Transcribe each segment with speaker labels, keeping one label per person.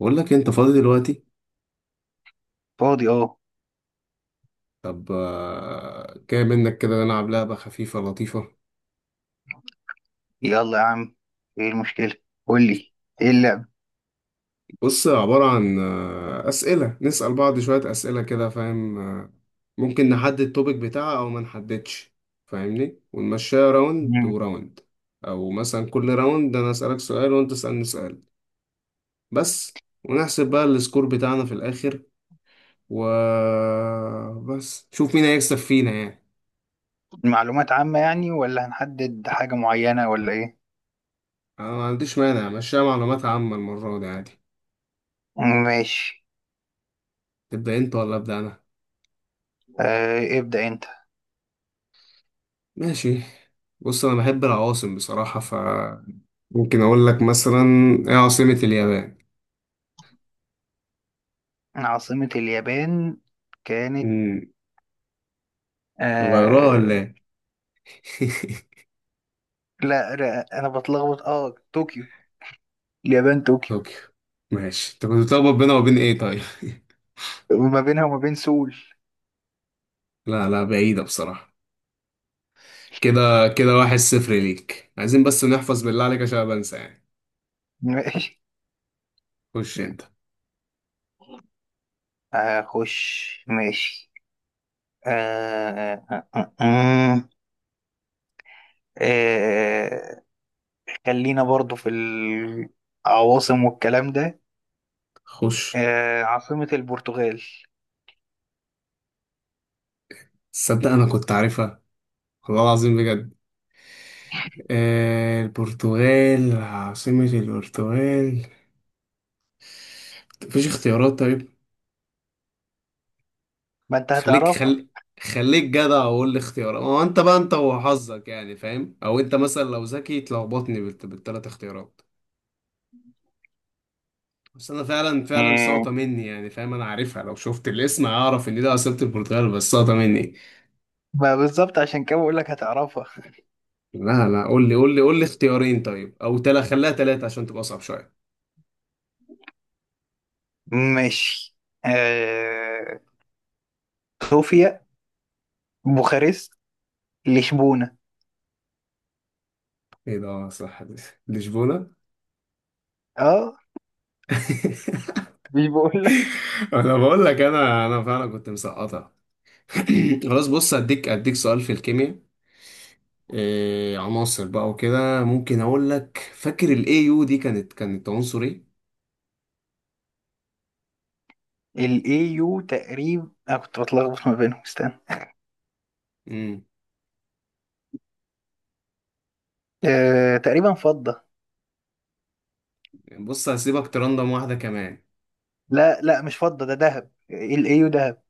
Speaker 1: بقول لك انت فاضي دلوقتي.
Speaker 2: فاضي، اه.
Speaker 1: طب، جاي منك كده نلعب لعبة خفيفة لطيفة.
Speaker 2: يلا يا عم. ايه المشكلة؟ قولي. ايه اللعب؟
Speaker 1: بص، عبارة عن أسئلة، نسأل بعض شوية أسئلة كده، فاهم؟ ممكن نحدد التوبيك بتاعها أو ما نحددش، فاهمني؟ ونمشيها راوند
Speaker 2: مم.
Speaker 1: وراوند. أو مثلا، كل راوند أنا أسألك سؤال وأنت تسألني سؤال بس، ونحسب بقى السكور بتاعنا في الآخر، وبس شوف مين هيكسب فينا يعني.
Speaker 2: معلومات عامة يعني، ولا هنحدد حاجة معينة ولا ايه؟
Speaker 1: أنا ما عنديش مانع، مشيها معلومات عامة المرة دي عادي.
Speaker 2: ماشي.
Speaker 1: تبدأ أنت ولا أبدأ أنا؟
Speaker 2: ابدأ انت.
Speaker 1: ماشي. بص، انا بحب العواصم بصراحة، فممكن اقول لك مثلا، ايه عاصمة اليابان؟
Speaker 2: عاصمة اليابان كانت...
Speaker 1: امم. غيروها
Speaker 2: آه.
Speaker 1: ولا ايه؟
Speaker 2: لا، لا، انا بتلخبط طوكيو. اليابان طوكيو.
Speaker 1: طوكيو. ماشي، انت كنت بتلخبط بينها وبين ايه طيب؟
Speaker 2: وما بينها وما بين سول.
Speaker 1: لا لا، بعيدة بصراحة. كده. كده واحد صفر ليك، عايزين بس نحفظ بالله عليك عشان أنا بنسى يعني.
Speaker 2: ماشي،
Speaker 1: خش انت.
Speaker 2: هخش، ماشي. آه آه آه آه آه خلينا برضو في العواصم والكلام ده.
Speaker 1: خش.
Speaker 2: عاصمة البرتغال؟
Speaker 1: تصدق انا كنت عارفها، والله العظيم بجد. آه، البرتغال، عاصمة البرتغال. مفيش اختيارات طيب؟
Speaker 2: ما انت
Speaker 1: خليك
Speaker 2: هتعرفها.
Speaker 1: خلي خليك جدع وقول لي اختيارات، هو انت بقى انت وحظك يعني، فاهم؟ او انت مثلا لو ذكي تلخبطني بالتلات اختيارات. بس انا فعلا فعلا
Speaker 2: مم.
Speaker 1: ساقطه مني يعني، فاهم؟ انا عارفها، لو شفت الاسم هعرف ان ده عاصمة البرتغال، بس ساقطه مني.
Speaker 2: ما بالظبط، عشان كده بقول لك هتعرفها.
Speaker 1: لا لا، قول لي اختيارين طيب، او خليها تلاتة عشان تبقى اصعب شويه.
Speaker 2: ماشي. آه صوفيا، بوخارست، لشبونة؟
Speaker 1: ايه ده؟ صح دي، لشبونه.
Speaker 2: اه، مش بقول لك.
Speaker 1: انا بقول لك، انا فعلا كنت مسقطها. خلاص، بص اديك سؤال في الكيمياء. عناصر بقى وكده، ممكن اقول لك، فاكر الاي يو دي كانت عنصر ايه؟
Speaker 2: الاي يو تقريبا، انا كنت بتلخبط ما بينهم، استنى.
Speaker 1: امم
Speaker 2: تقريبا فضة.
Speaker 1: بص، هسيبك ترندم واحده كمان.
Speaker 2: لا، لا، مش فضة، ده ذهب. الاي يو ذهب.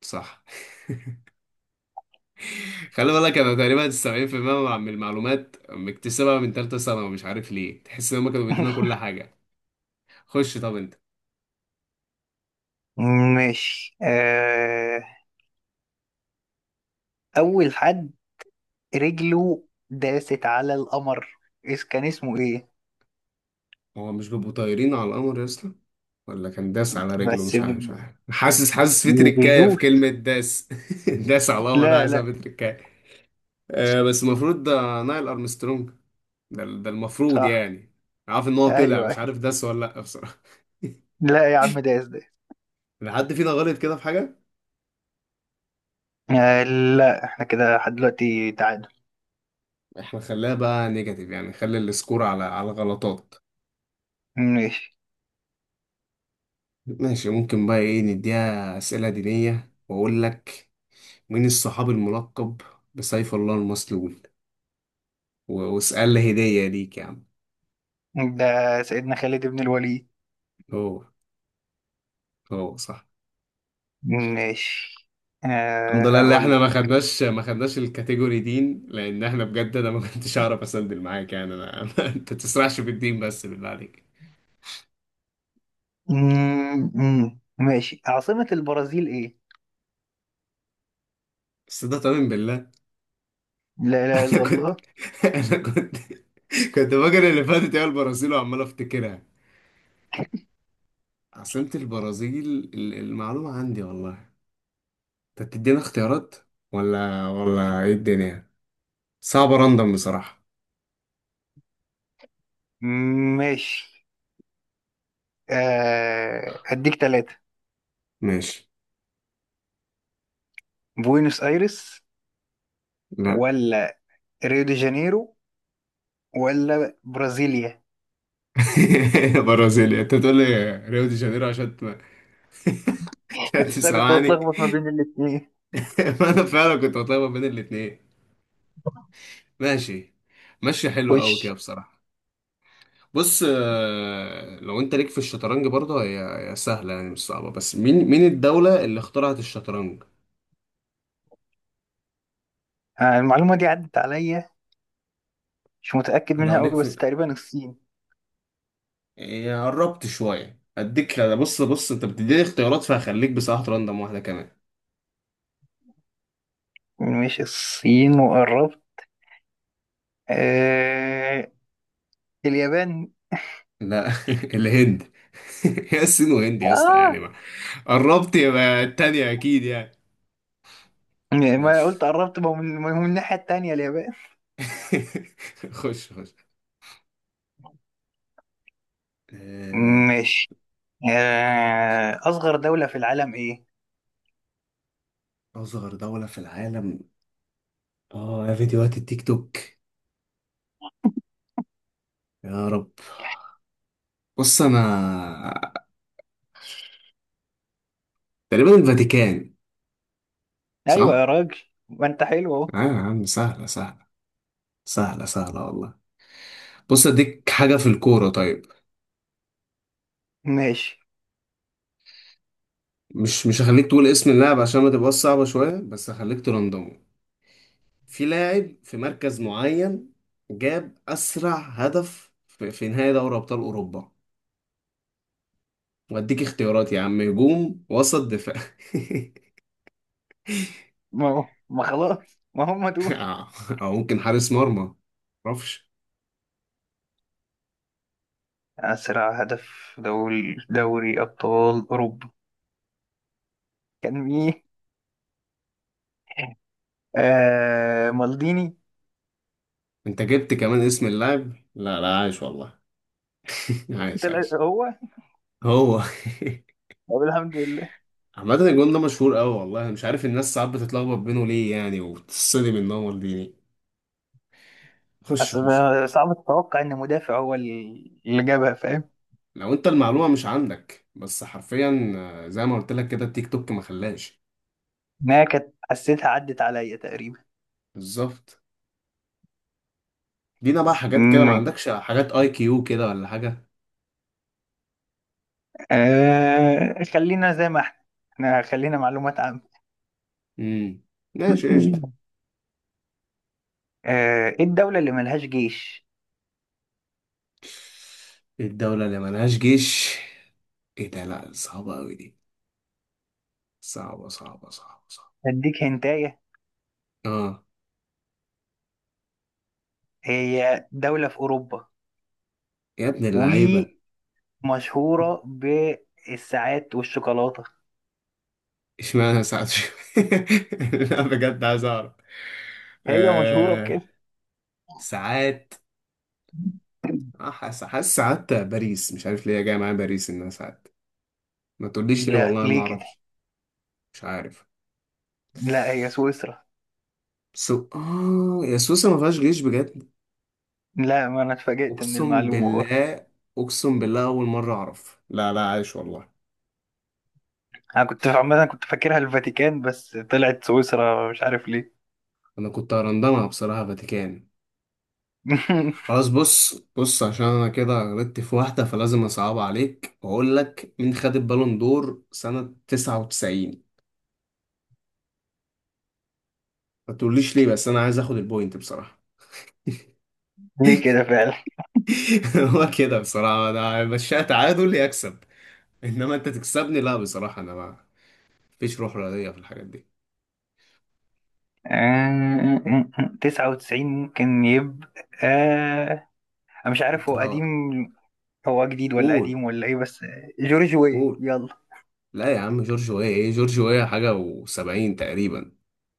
Speaker 1: صح. خلي بالك، انا تقريبا 70% من المعلومات مكتسبها من ثالثه ثانوي، مش عارف ليه، تحس ان هم كانوا بيدينا كل حاجه. خش طب انت.
Speaker 2: ماشي. اول حد رجله داست على القمر، كان اسمه ايه؟
Speaker 1: هو مش بيبقوا طايرين على القمر يا اسطى، ولا كان داس على رجله؟
Speaker 2: بس
Speaker 1: مش عارف، حاسس في تركايه في
Speaker 2: يدوس.
Speaker 1: كلمه داس. داس على القمر، ده
Speaker 2: لا،
Speaker 1: عايزها
Speaker 2: لا.
Speaker 1: في تركايه. بس المفروض ده نايل ارمسترونج. ده المفروض
Speaker 2: صح.
Speaker 1: يعني. عارف ان هو
Speaker 2: ايوه،
Speaker 1: طلع، مش
Speaker 2: أيوة.
Speaker 1: عارف داس ولا لا بصراحه.
Speaker 2: لا يا عم، دايس دايس.
Speaker 1: لو حد فينا غلط كده في حاجه.
Speaker 2: آه. لا، احنا كده لحد دلوقتي تعادل.
Speaker 1: احنا خليها بقى نيجاتيف يعني، نخلي السكور على غلطات.
Speaker 2: ماشي.
Speaker 1: ماشي، ممكن بقى ايه، نديها اسئله دينيه واقول لك، مين الصحابي الملقب بسيف الله المسلول، واسال لي هديه ليك يا عم.
Speaker 2: ده سيدنا خالد بن الوليد.
Speaker 1: هو، هو صح.
Speaker 2: ماشي.
Speaker 1: الحمد لله اللي
Speaker 2: اقول
Speaker 1: احنا
Speaker 2: لك.
Speaker 1: ما خدناش الكاتيجوري دين، لان احنا بجد انا ما كنتش اعرف اسندل معاك يعني انا. انت تسرحش في الدين بس بالله عليك.
Speaker 2: مم، مم. ماشي، عاصمة البرازيل ايه؟
Speaker 1: بس ده طمن بالله.
Speaker 2: لا اله
Speaker 1: انا
Speaker 2: الا
Speaker 1: كنت.
Speaker 2: الله.
Speaker 1: انا كنت فاكر اللي فاتت هي البرازيل، وعمال افتكرها. عاصمة البرازيل، المعلومة عندي والله. انت بتدينا اختيارات ولا ايه الدنيا؟ صعبة، راندم بصراحة.
Speaker 2: ماشي. هديك ثلاثة:
Speaker 1: ماشي.
Speaker 2: بوينوس ايرس،
Speaker 1: لا.
Speaker 2: ولا ريو دي جانيرو، ولا برازيليا؟
Speaker 1: برازيل، انت تقول لي ريو دي جانيرو عشان عشان
Speaker 2: لا، كنت
Speaker 1: تسمعني.
Speaker 2: بتلخبط ما بين الاثنين.
Speaker 1: فانا فعلا كنت بطلع ما بين الاتنين. ماشي، ماشي حلو قوي كده
Speaker 2: خش.
Speaker 1: بصراحة. بص، لو انت ليك في الشطرنج برضه، هي سهلة يعني، مش صعبة، بس مين الدولة اللي اخترعت الشطرنج؟
Speaker 2: المعلومة دي عدت عليا، مش متأكد
Speaker 1: انا لو
Speaker 2: منها
Speaker 1: ليك
Speaker 2: قوي بس
Speaker 1: في.
Speaker 2: تقريبا الصين.
Speaker 1: هي قربت شوية اديك، لا بص انت بتديني اختيارات، فهخليك بصراحة راندم واحدة كمان.
Speaker 2: مش الصين وقربت. آه... اليابان.
Speaker 1: لا. الهند. هي الصين وهند يا اسطى، يعني
Speaker 2: آه
Speaker 1: ما قربت يبقى التانية اكيد يعني.
Speaker 2: ما
Speaker 1: ماشي.
Speaker 2: قلت قربت، ما هو من الناحية التانية اليابان.
Speaker 1: خش خش. آه،
Speaker 2: ماشي. أصغر دولة في العالم إيه؟
Speaker 1: أصغر دولة في العالم. آه، يا فيديوهات التيك توك، يا رب. بص أنا، تقريبا الفاتيكان،
Speaker 2: أيوة
Speaker 1: صح؟
Speaker 2: يا راجل، ما أنت حلو أهو.
Speaker 1: ايوه يا عم، سهلة سهلة سهلة سهلة والله. بص، اديك حاجة في الكورة طيب.
Speaker 2: ماشي.
Speaker 1: مش هخليك تقول اسم اللاعب عشان ما تبقاش صعبة، شوية بس هخليك ترندمه. في لاعب في مركز معين جاب أسرع هدف في نهائي دوري أبطال أوروبا، واديك اختيارات يا عم: هجوم، وسط، دفاع.
Speaker 2: ما هو، ما خلاص ما هم دول.
Speaker 1: أو أو ممكن حارس مرمى. معرفش.
Speaker 2: أسرع هدف دول دوري أبطال أوروبا كان مين؟ مالديني.
Speaker 1: انت جبت كمان اسم اللاعب، لا لا عايش والله. عايش
Speaker 2: طلع
Speaker 1: عايش.
Speaker 2: هو.
Speaker 1: هو.
Speaker 2: طب الحمد لله.
Speaker 1: عامة الجون ده مشهور قوي والله، مش عارف الناس ساعات بتتلخبط بينه ليه يعني وبتتصدم ان هو مالديني. خش
Speaker 2: اصل
Speaker 1: خش.
Speaker 2: صعب تتوقع ان مدافع هو اللي جابها، فاهم؟
Speaker 1: لو انت المعلومة مش عندك بس حرفيا، زي ما قلت لك كده، التيك توك ما خلاش.
Speaker 2: انها كانت حسيتها عدت عليا تقريبا.
Speaker 1: بالظبط. دينا بقى حاجات كده، ما
Speaker 2: مم.
Speaker 1: عندكش حاجات اي كيو كده ولا حاجة.
Speaker 2: خلينا زي ما احنا، احنا خلينا معلومات عامة.
Speaker 1: امم ماشي قشطة.
Speaker 2: ايه الدولة اللي ملهاش جيش؟
Speaker 1: الدولة اللي ملهاش جيش، ايه ده، لا صعبة قوي دي، صعبة صعبة صعبة صعبة.
Speaker 2: اديك هنتاية.
Speaker 1: اه.
Speaker 2: هي دولة في اوروبا،
Speaker 1: يا ابن اللعيبة.
Speaker 2: ومشهورة بالساعات والشوكولاتة.
Speaker 1: اشمعنى ساعات لا بجد عايز اعرف.
Speaker 2: هي مشهورة
Speaker 1: آه...
Speaker 2: بكده.
Speaker 1: ساعات. حاسس ساعات باريس، مش عارف ليه جاي معايا باريس انها ساعات، ما تقوليش ليه
Speaker 2: لا،
Speaker 1: والله ما
Speaker 2: ليه كده.
Speaker 1: اعرفش. مش عارف.
Speaker 2: لا، هي سويسرا.
Speaker 1: سو اه يا سويسرا، ما فيهاش جيش بجد؟
Speaker 2: لا، ما انا اتفاجئت من
Speaker 1: اقسم
Speaker 2: المعلومة برضه.
Speaker 1: بالله، اقسم بالله اول مره اعرف. لا لا، عايش والله.
Speaker 2: انا كنت عامه كنت فاكرها الفاتيكان، بس طلعت سويسرا مش عارف ليه.
Speaker 1: انا كنت هرندمها بصراحه فاتيكان. خلاص، بص عشان انا كده غلطت في واحدة، فلازم اصعب عليك واقول لك، مين خد البالون دور سنة 99؟ ما تقوليش ليه، بس انا عايز اخد البوينت بصراحة.
Speaker 2: ليه كده فعلا.
Speaker 1: هو كده بصراحة، انا مشيها تعادل يكسب، انما انت تكسبني لا، بصراحة انا ما فيش روح رياضية في الحاجات دي.
Speaker 2: 99 ممكن يبقى. آه، أنا مش عارف،
Speaker 1: انت
Speaker 2: هو
Speaker 1: لا.
Speaker 2: قديم، هو جديد ولا
Speaker 1: قول.
Speaker 2: قديم ولا ايه، بس جورج وي،
Speaker 1: قول.
Speaker 2: يلا.
Speaker 1: لا يا عم، جورج ويا، ايه جورج ويا حاجة و70 تقريبا.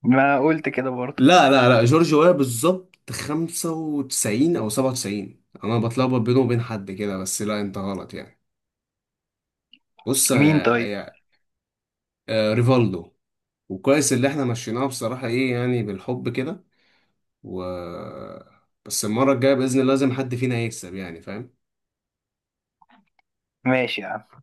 Speaker 2: ما قلت كده برضه.
Speaker 1: لا لا لا، جورج ويا بالظبط 95 او 97، انا بتلخبط بينه وبين حد كده، بس لا انت غلط يعني. بص
Speaker 2: مين
Speaker 1: يا،
Speaker 2: طيب؟
Speaker 1: يا ريفالدو. وكويس اللي احنا مشيناها بصراحة ايه يعني، بالحب كده. و بس المرة الجاية بإذن الله لازم حد فينا يكسب يعني، فاهم؟
Speaker 2: ماشي يا عم.